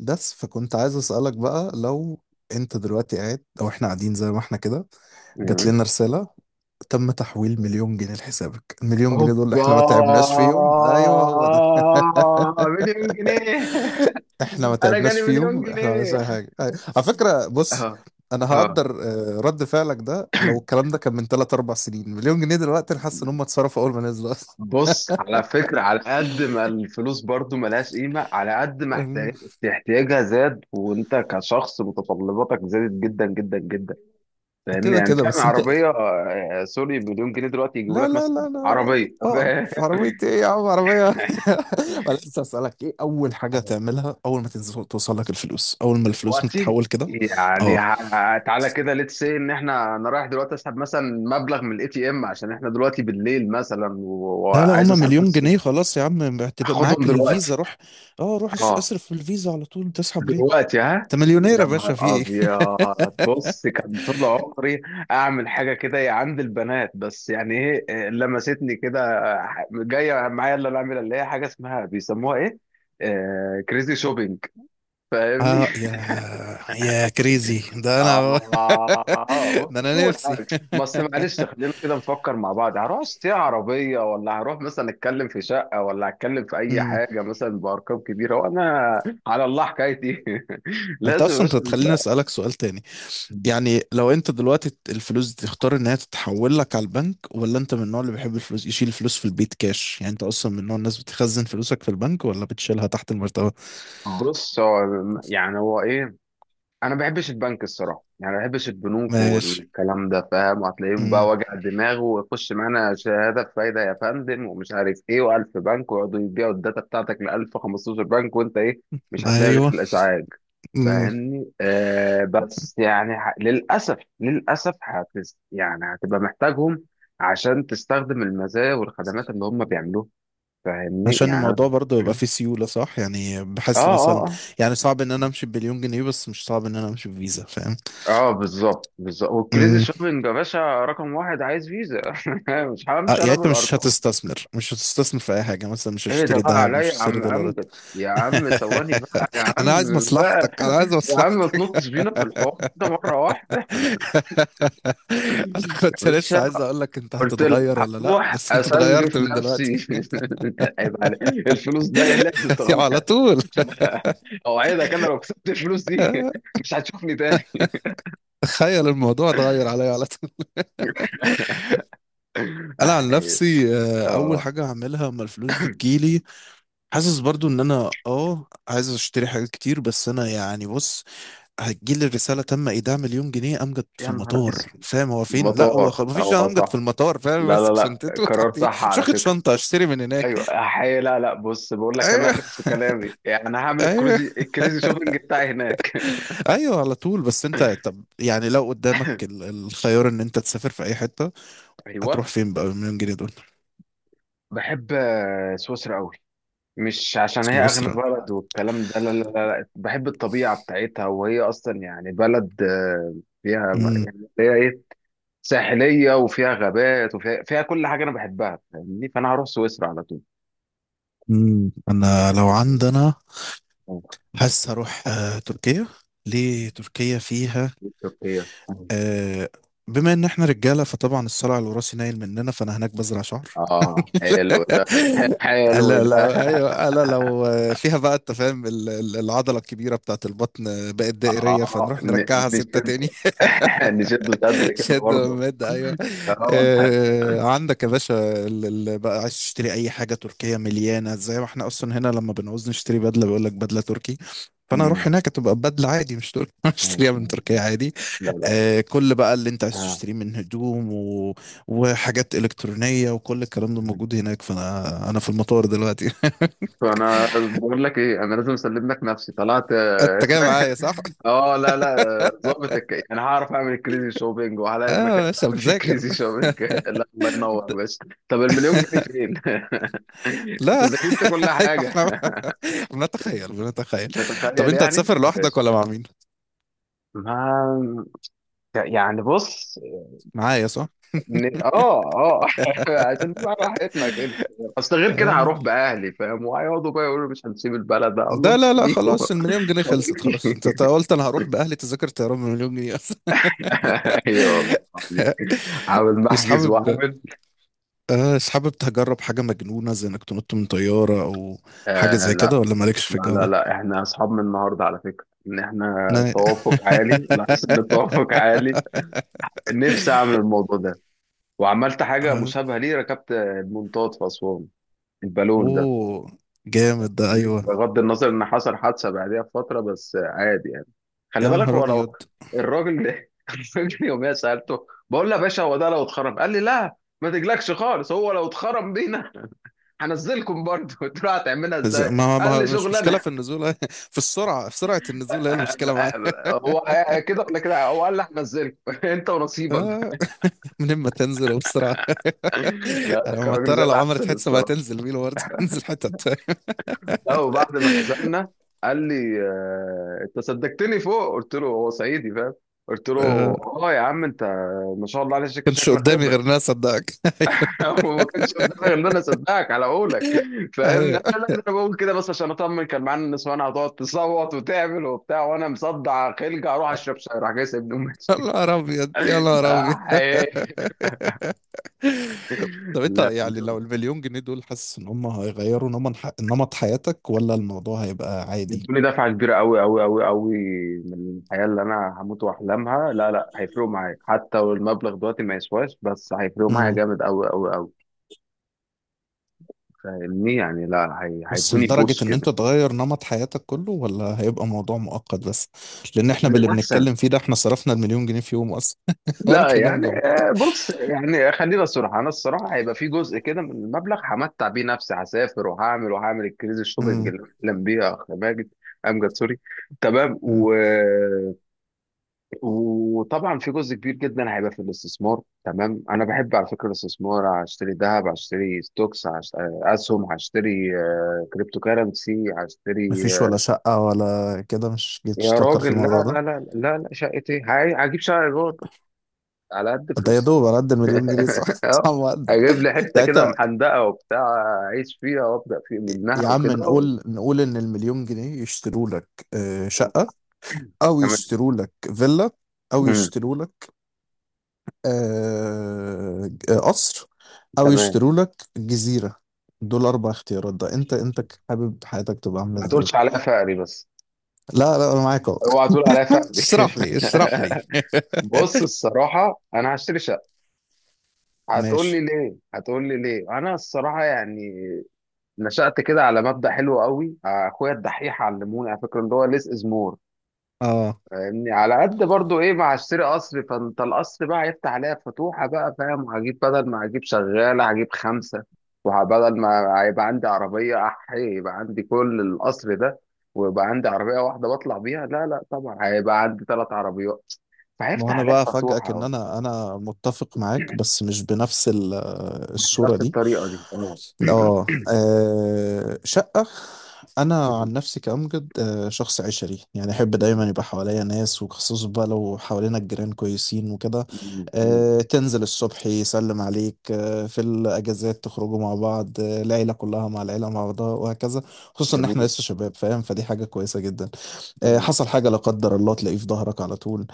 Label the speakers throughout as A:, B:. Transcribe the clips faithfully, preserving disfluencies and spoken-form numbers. A: بس فكنت عايز اسألك بقى، لو انت دلوقتي قاعد او احنا قاعدين زي ما احنا كده، جات
B: مم.
A: لنا رسالة: تم تحويل مليون جنيه لحسابك. المليون جنيه دول اللي
B: هوبا،
A: احنا ما تعبناش فيهم، ايوه هو ده.
B: مليون جنيه.
A: احنا ما
B: انا
A: تعبناش
B: جالي مليون
A: فيهم، احنا ما عملناش
B: جنيه.
A: اي حاجة، أيوة. على فكرة بص،
B: اه
A: انا
B: اه.
A: هقدر آه، رد فعلك ده، لو الكلام ده كان من ثلاثة أربع سنين. مليون جنيه دلوقتي، انا حاسس ان هم اتصرفوا اول ما نزلوا اصلا.
B: بص على فكرة، على قد ما الفلوس برضو ملهاش قيمة، على قد ما احتياج- احتياجها زاد، وانت كشخص متطلباتك زادت جدا جدا جدا. فاهمني؟
A: كده
B: يعني
A: كده،
B: فاهم
A: بس انت.
B: عربية آه، سوري، مليون جنيه دلوقتي يجيبوا
A: لا
B: لك
A: لا
B: مثلا
A: لا لا.
B: عربية.
A: اه، في عربية ايه يا عم؟ عربية. ولا لسه اسألك: ايه أول حاجة تعملها أول ما تنزل، توصل لك الفلوس أول ما الفلوس
B: دلوقتي
A: متتحول كده؟
B: يعني
A: اه،
B: ه- تعالى كده، ليتس سي ان احنا، انا رايح دلوقتي اسحب مثلا مبلغ من الاي تي ام، عشان احنا دلوقتي بالليل مثلا و-
A: لا لا،
B: وعايز
A: هما
B: اسحب
A: مليون
B: فلوس فين؟
A: جنيه، خلاص يا عم هتبقى
B: هاخدهم
A: معاك
B: دلوقتي؟
A: الفيزا، روح. اه روح، اس-
B: اه،
A: اصرف في الفيزا على طول، تسحب ليه؟
B: دلوقتي ها.
A: انت مليونير يا
B: يا نهار
A: باشا، في ايه؟
B: ابيض، بص كان طول عمري اعمل حاجه كده يا عند البنات، بس يعني ايه إيه، لمستني كده. ح- جايه معايا اللي انا اعملها، اللي هي حاجه اسمها بيسموها ايه، آه، كريزي شوبينج. فاهمني؟
A: اه، يا يا كريزي، ده انا.
B: آه، بص
A: ده انا
B: أول
A: نفسي.
B: حاجة، ما أصل معلش خلينا كده نفكر مع بعض، هروح أشتري عربية، ولا هروح مثلا أتكلم في شقة، ولا أتكلم في أي
A: امم
B: حاجة مثلا بأرقام كبيرة، وأنا على الله حكايتي.
A: انت
B: لازم يا
A: اصلا
B: باشا
A: كنت تخليني
B: ال-
A: اسالك سؤال تاني: يعني لو انت دلوقتي الفلوس دي، تختار ان هي تتحول لك على البنك، ولا انت من النوع اللي بيحب الفلوس يشيل الفلوس في البيت كاش؟ يعني انت اصلا من نوع الناس بتخزن فلوسك في البنك، ولا بتشيلها تحت المرتبة؟
B: بص هو، يعني هو إيه، انا ما بحبش البنك الصراحه، يعني ما بحبش البنوك
A: ماشي.
B: والكلام ده، فاهم؟ وهتلاقيهم بقى
A: امم.
B: وجع دماغ، ويخش معانا شهاده بفايده يا فندم ومش عارف ايه، و1000 بنك ويقعدوا يبيعوا الداتا بتاعتك ل ألف خمستاشر بنك، وانت ايه، مش هتلاقي غير
A: ايوه.
B: الازعاج.
A: امم.
B: فاهمني؟ آه، بس يعني ح... للاسف للاسف هتس... يعني هتبقى محتاجهم عشان تستخدم المزايا والخدمات اللي هم بيعملوها. فاهمني
A: عشان
B: يعني؟
A: الموضوع برضه
B: أنا-
A: يبقى فيه سيولة، صح يعني،
B: اه
A: بحس مثلا،
B: اه آه.
A: يعني صعب ان انا امشي بمليون جنيه، بس مش صعب ان انا امشي بفيزا، فاهم؟
B: اه بالظبط بالظبط، والكريزي
A: امم.
B: شوبينج يا باشا رقم واحد عايز فيزا. مش
A: اه،
B: همشي انا
A: يعني انت مش
B: بالارقام.
A: هتستثمر مش هتستثمر في اي حاجة مثلا؟ مش
B: ايه ده
A: هتشتري
B: بقى
A: ذهب،
B: عليا
A: مش
B: يا
A: هتشتري
B: عم
A: دولارات؟
B: امجد، يا عم ثواني بقى، يا
A: انا
B: عم
A: عايز
B: بقى،
A: مصلحتك، انا عايز
B: يا عم ما
A: مصلحتك.
B: تنطش بينا في الحوار كده مره واحده.
A: انا
B: يا
A: كنت لسه
B: باشا،
A: عايز اقول لك: انت
B: قلت لك
A: هتتغير ولا لا؟
B: هروح
A: بس انت اتغيرت
B: اسنجف
A: من دلوقتي.
B: نفسي. عيب عليك الفلوس ده، إيه لازم تغير.
A: على طول.
B: اوعدك انا لو كسبت الفلوس دي مش هتشوفني تاني.
A: تخيل الموضوع اتغير عليا على طول. انا عن
B: اه.
A: نفسي، آه، اول
B: آه.
A: حاجه هعملها اما الفلوس دي تجيلي، حاسس برضو ان انا اه عايز اشتري حاجات كتير، بس انا يعني بص، هتجيلي الرساله: تم ايداع مليون جنيه، امجد في
B: يا نهار
A: المطار.
B: اسود،
A: فاهم هو فين؟ لا، هو
B: المطار
A: خ... مفيش، أنا
B: هو
A: امجد في
B: صح.
A: المطار، فاهم؟
B: لا لا
A: ماسك
B: لا،
A: شنطته
B: قرار
A: تحت، ايه،
B: صح
A: مش
B: على
A: واخد
B: فكرة.
A: شنطه، اشتري من هناك.
B: ايوه حي، لا لا، بص بقول لك انا
A: ايوه،
B: رجعت في كلامي، يعني انا هعمل
A: ايوه،
B: الكريزي الكريزي شوبينج بتاعي هناك.
A: ايوه، على طول. بس انت، طب يعني لو قدامك ال- الخيار ان انت تسافر في اي حته،
B: ايوه.
A: هتروح فين بقى بالمليون جنيه دول؟
B: بحب آه، سويسرا قوي، مش عشان هي اغنى
A: سويسرا.
B: بلد والكلام ده، لا لا لا لا. بحب الطبيعه بتاعتها، وهي اصلا يعني بلد آه، فيها،
A: امم.
B: يعني فيها ايه، ساحليه وفيها غابات وفيها فيها كل حاجه انا بحبها. فاهمني؟ فانا هروح سويسرا على طول.
A: امم. انا لو
B: فاهمني؟
A: عندنا،
B: آه،
A: حاسس هروح آه، تركيا. ليه تركيا؟ فيها،
B: تركيا.
A: آه، بما ان احنا رجاله، فطبعا الصلع الوراثي نايل مننا، فانا هناك بزرع شعر.
B: اه حلو ده، حلو
A: انا لو،
B: ده.
A: ايوه، انا لو آه، فيها بقى، انت فاهم ال- ال- العضله الكبيره بتاعت البطن آه، بقت دائريه،
B: اه
A: فنروح
B: ن-
A: نرجعها سته
B: نشد.
A: تاني.
B: نشد شد كده
A: شد
B: برضه.
A: ومد، ايوه.
B: اه.
A: آه، عندك يا باشا اللي بقى عايز تشتري اي حاجه تركيه مليانه، زي ما احنا اصلا هنا لما بنعوز نشتري بدله بيقول لك بدله تركي. فانا اروح
B: مم.
A: هناك تبقى بدله عادي، مش تركي.
B: مم.
A: اشتريها من تركيا
B: مم.
A: عادي.
B: لا لا.
A: آه، كل بقى اللي انت عايز
B: آه.
A: تشتريه من هدوم و... وحاجات الكترونيه وكل الكلام ده
B: مم.
A: موجود هناك، فانا انا في المطار دلوقتي.
B: فانا بقول لك ايه، انا لازم اسلم لك نفسي، طلعت آه،
A: انت جاي
B: فاهم.
A: معايا، صح؟
B: اه. لا لا. آه، ظابط الك... انا هعرف اعمل كريزي شوبينج، وهلاقي
A: اه،
B: المكان
A: يا
B: اللي
A: باشا
B: اعمل فيه
A: بذاكر.
B: كريزي شوبينج. لا الله ينور بس. طب المليون جنيه فين؟ انت
A: لا.
B: ذاكرت كل
A: ايوه،
B: حاجه.
A: احنا بنتخيل بنتخيل. طب
B: تتخيل
A: انت
B: يعني،
A: هتسافر لوحدك،
B: ماشي.
A: ولا مع مين؟
B: ما يعني بص،
A: معايا، صح؟
B: ن- اه. اه. عشان نبقى راحتنا كده، اصل غير كده
A: آه.
B: هروح باهلي، فاهم؟ وهيقعدوا بقى يقولوا مش هنسيب البلد، اقول لهم
A: ده لا لا،
B: خليكم
A: خلاص المليون جنيه خلصت، خلاص
B: خليكم.
A: انت أنت قلت انا هروح باهلي، تذاكر طيران بمليون جنيه اصلا.
B: ايوه والله العظيم. عامل
A: مش
B: محجز
A: حابب
B: وعامل
A: آه مش حابب تجرب حاجه مجنونه زي انك تنط من طياره، او
B: آه.
A: حاجه زي كده؟
B: لا
A: ولا مالكش في
B: لا
A: الجو
B: لا
A: ده؟
B: لا، احنا اصحاب من النهارده على فكره، ان احنا
A: لا.
B: التوافق عالي، لاحظت ان التوافق عالي. نفسي اعمل الموضوع ده، وعملت حاجه
A: آه.
B: مشابهه ليه، ركبت المنطاد في اسوان، البالون ده،
A: اوه، جامد ده، ايوه.
B: بغض النظر ان حصل حادثه بعديها بفتره، بس عادي يعني. خلي
A: يا
B: بالك،
A: نهار
B: هو
A: ابيض.
B: لو الراجل ده الراجل يوميا سالته، بقول له يا باشا هو ده لو اتخرم، قال لي لا ما تجلكش خالص، هو لو اتخرم بينا هنزلكم برضه. قلت له هتعملها
A: إز-
B: ازاي،
A: ما
B: قال
A: ما
B: لي
A: مش مشكله
B: شغلانه.
A: في النزول. في السرعه في سرعه النزول هي المشكله معايا.
B: هو كده ولا كده، هو قال لي هنزلكم انت ونصيبك.
A: آه. من اما تنزل وبسرعه.
B: لا
A: انا
B: الراجل زي
A: مضطر، لو عملت
B: العسل
A: حادثه ما
B: الصراحه.
A: هتنزل بينا برضه. تنزل حتت.
B: لا وبعد ما نزلنا قال لي آه، انت صدقتني فوق، قلت له هو صعيدي فاهم، قلت له
A: آه،
B: اه يا عم انت ما شاء الله عليك، شك-
A: كانش
B: شكلك
A: قدامي
B: خبره.
A: غير ناس صدقك.
B: هو ما كانش قدامي غير ان انا اصدقك على قولك. فاهمني؟
A: ايوه،
B: قال لي لا ده انا بقول كده بس عشان اطمن، كان معانا النسوان هتقعد تصوت وتعمل وبتاع، وانا مصدع خلقه، اروح اشرب شاي راح جاي سايبني
A: يا
B: وماشي.
A: نهار ابيض، يا نهار ابيض.
B: آه، إيه.
A: طب انت،
B: لا،
A: يعني لو المليون جنيه دول، حاسس ان هم هيغيروا نمط ح- نمط حياتك، ولا الموضوع هيبقى عادي؟
B: يدوني دفعة كبيرة أوي أوي أوي أوي من الحياة اللي أنا هموت وأحلامها. لا لا هيفرقوا معايا حتى لو المبلغ دلوقتي ما يسواش، بس هيفرقوا معايا
A: امم.
B: جامد أوي أوي أوي. فاهمني يعني؟ لا هي-
A: بس
B: هيدوني
A: لدرجة
B: بوس
A: ان انت
B: كده.
A: تغير نمط حياتك كله، ولا هيبقى موضوع مؤقت بس؟ لان احنا باللي
B: للأحسن.
A: بنتكلم فيه ده، احنا صرفنا المليون جنيه في يوم اصلا. ولا
B: لا
A: كأنهم
B: يعني
A: جم.
B: آه، بص، يعني خلينا صراحة، أنا الصراحة هيبقى في جزء كده من المبلغ همتع بيه نفسي، هسافر وهعمل وهعمل الكريزي الشوبينج اللي بحلم بيها، يا أخ ماجد، أمجد سوري. تمام.
A: امم.
B: و، وطبعا في جزء كبير جدا هيبقى في الاستثمار. تمام، انا بحب على فكره الاستثمار، هشتري ذهب، هشتري ستوكس، هشت- اسهم، هشتري آه، كريبتو كارنسي، هشتري
A: مفيش ولا
B: آه،
A: شقة ولا كده؟ مش
B: يا
A: جيتش تفكر في
B: راجل
A: الموضوع
B: لا لا
A: ده؟
B: لا لا لا، شقه ايه، هاي- هجيب شقه ايجار على قد
A: ده يا
B: فلوسي.
A: دوب على قد المليون جنيه، صح. صح،
B: اه،
A: ما أقدر.
B: هجيب لي
A: يعني
B: حته كده
A: انت،
B: محندقه وبتاع، اعيش فيها وابدا في منها
A: يا عم
B: وكده و...
A: نقول نقول ان المليون جنيه يشتروا لك آه، شقة، او
B: تمام.
A: يشتروا لك فيلا، او
B: مم.
A: يشتروا لك آه، آه، قصر، او
B: تمام.
A: يشتروا لك جزيرة. دول اربع اختيارات، ده انت انت حابب حياتك تبقى عاملة
B: ما
A: ازاي؟
B: تقولش عليا فقري بس.
A: لا لا، انا معاك اهو.
B: اوعى تقول عليا فقري.
A: اشرح لي، اشرح لي.
B: بص الصراحة أنا هشتري شقة، هتقول لي
A: ماشي.
B: ليه، هتقول لي ليه. أنا الصراحة يعني نشأت كده على مبدأ حلو قوي، أخويا الدحيح علموني على فكرة، اللي هو ليس إز مور.
A: اه،
B: فاهمني؟ على قد برضو إيه، ما هشتري قصر، فأنت القصر بقى هيفتح عليا فتوحة بقى، فاهم؟ وهجيب بدل ما هجيب شغالة هجيب خمسة، وبدل ما هيبقى عندي عربية أحي يبقى عندي كل القصر ده، ويبقى عندي عربية واحدة بطلع بيها، لا لا طبعا هيبقى عندي ثلاث عربيات،
A: ما هو
B: فهيفتح
A: انا
B: عليها
A: بقى افاجئك ان
B: فتوحة.
A: انا انا متفق معاك، بس مش بنفس ال- الصوره
B: بنفس
A: دي.
B: الطريقة دي اه.
A: اه. آه، شقه. انا عن نفسي كامجد، آه، شخص عشري، يعني احب دايما يبقى حواليا ناس، وخصوصا بقى لو حوالينا الجيران كويسين وكده. آه، تنزل الصبح يسلم عليك، آه، في الاجازات تخرجوا مع بعض، آه، العيله كلها مع العيله مع بعضها وهكذا. خصوصا ان احنا
B: جميل.
A: لسه شباب، فاهم، فدي حاجه كويسه جدا. آه،
B: اه
A: حصل حاجه لا قدر الله تلاقيه في ظهرك على طول.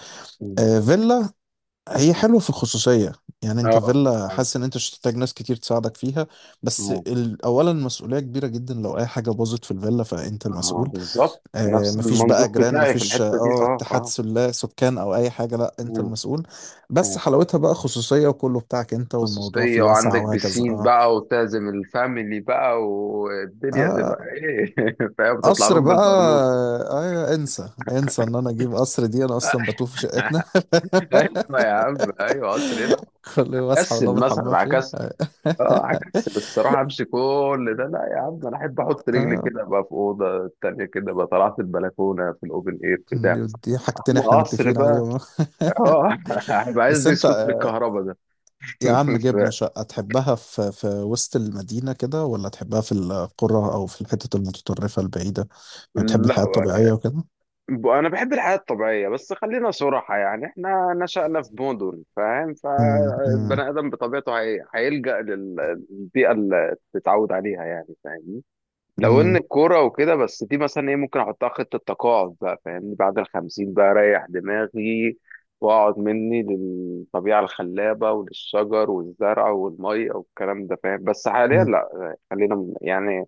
A: آه، فيلا، هي حلوة في الخصوصية. يعني انت
B: اه
A: فيلا، حاسس ان انت مش هتحتاج ناس كتير تساعدك فيها. بس
B: آه،
A: ال- اولا المسؤولية كبيرة جدا، لو اي حاجة باظت في الفيلا فانت
B: آه،
A: المسؤول.
B: بالظبط
A: آه،
B: نفس
A: مفيش بقى
B: المنظور
A: جيران،
B: بتاعي في
A: مفيش
B: الحتة دي،
A: اه
B: اه
A: اتحاد
B: اه.
A: سلا سكان او اي حاجة، لا انت
B: آه،
A: المسؤول. بس
B: آه.
A: حلاوتها بقى خصوصية، وكله بتاعك انت، والموضوع فيه
B: خصوصية،
A: واسع
B: وعندك
A: وهكذا،
B: بسين
A: اه.
B: بقى، وتعزم الفاميلي بقى، والدنيا تبقى
A: اه،
B: ايه، فاهم، تطلع
A: قصر
B: لهم
A: بقى.
B: بالبرنوس.
A: آه، انسى انسى ان انا اجيب قصر دي، انا اصلا بتوه في شقتنا.
B: ايوه يا عم، ايوه قصر ايه.
A: كل يوم اصحى
B: كسل
A: والله الحمام
B: مثلا،
A: فين،
B: عكس.
A: آه.
B: اه عكس بالصراحه، امشي كل ده، لا يا عم انا احب احط رجلي
A: آه،
B: كده بقى في اوضه التانيه كده بقى، طلعت البلكونه في الاوبن اير بتاع.
A: دي حاجتين
B: اما
A: احنا
B: قصر
A: متفقين
B: بقى،
A: عليهم.
B: اه هيبقى عايز
A: بس
B: دي
A: انت
B: سكوتر
A: آه،
B: الكهرباء ده.
A: يا عم، جبنا شقة، تحبها في في وسط المدينة كده، ولا تحبها في القرى، أو في الحتت المتطرفة البعيدة؟ يعني بتحب الحياة
B: لا.
A: الطبيعية وكده؟
B: ب- انا بحب الحياه الطبيعيه، بس خلينا صراحه يعني، احنا نشأنا في مدن، فاهم؟
A: أمم، أمم،
B: فالبني ادم بطبيعته هي... هيلجأ للبيئه اللي تتعود عليها، يعني فاهم؟ لو ان
A: أمم،
B: الكوره وكده بس، دي مثلا ايه، ممكن احطها خطه تقاعد بقى، فاهمني؟ بعد الخمسين بقى اريح دماغي، واقعد مني للطبيعه الخلابه وللشجر والزرع والميه والكلام ده، فاهم؟ بس حاليا
A: أمم.
B: لا، خلينا م- يعني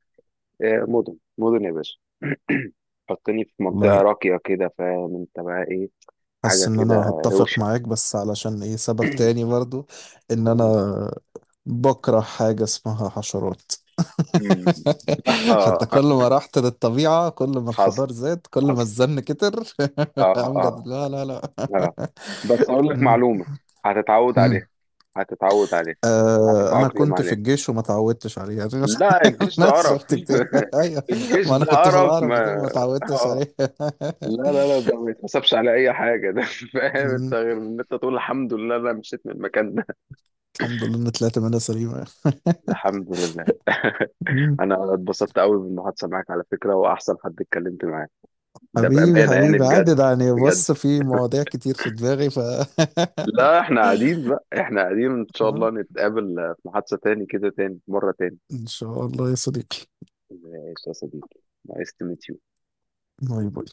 B: آه، مدن مدن يا باشا. حطني في منطقه
A: والله،
B: راقيه كده، فاهم انت بقى ايه،
A: حاسس
B: حاجه
A: إن أنا
B: كده
A: هتفق
B: روشه.
A: معاك، بس علشان إيه؟ سبب تاني برضو، إن أنا بكره حاجة اسمها حشرات.
B: مم.
A: فانت
B: اه.
A: كل ما رحت للطبيعة، كل ما
B: حصل،
A: الخضار زاد، كل ما
B: حصل.
A: الزن كتر.
B: اه اه.
A: امجد، لا لا لا.
B: بس اقول لك
A: مم.
B: معلومه، هتتعود
A: مم.
B: عليها، هتتعود عليها،
A: آه، انا
B: وهتتأقلم
A: كنت في
B: عليها.
A: الجيش وما اتعودتش عليه يعني.
B: لا الجيش ده
A: الناس
B: قرف.
A: شفت كتير. ايوه،
B: الجيش
A: ما انا
B: ده
A: كنت في
B: قرف
A: الهرم ده
B: ما.
A: ما اتعودتش
B: اه،
A: عليه.
B: لا لا لا، ده ما يتحسبش على اي حاجه ده، فاهم انت،
A: مم.
B: غير ان انت تقول الحمد لله انا مشيت من المكان ده.
A: الحمد لله ان طلعت منها سليمة.
B: الحمد لله.
A: مم.
B: انا اتبسطت قوي بالمحادثه معاك على فكره، واحسن حد اتكلمت معاه، ده
A: حبيبي،
B: بامانه يعني،
A: حبيبي،
B: بجد
A: عادي ده، يعني
B: بجد.
A: بص، في مواضيع كتير في دماغي ف
B: لا احنا قاعدين بقى، احنا قاعدين ان شاء
A: آه.
B: الله نتقابل في محادثه تاني كده، تاني مره تاني.
A: ان شاء الله يا صديقي.
B: إذا إيش وصديقي، ما إستمتعت.
A: باي باي.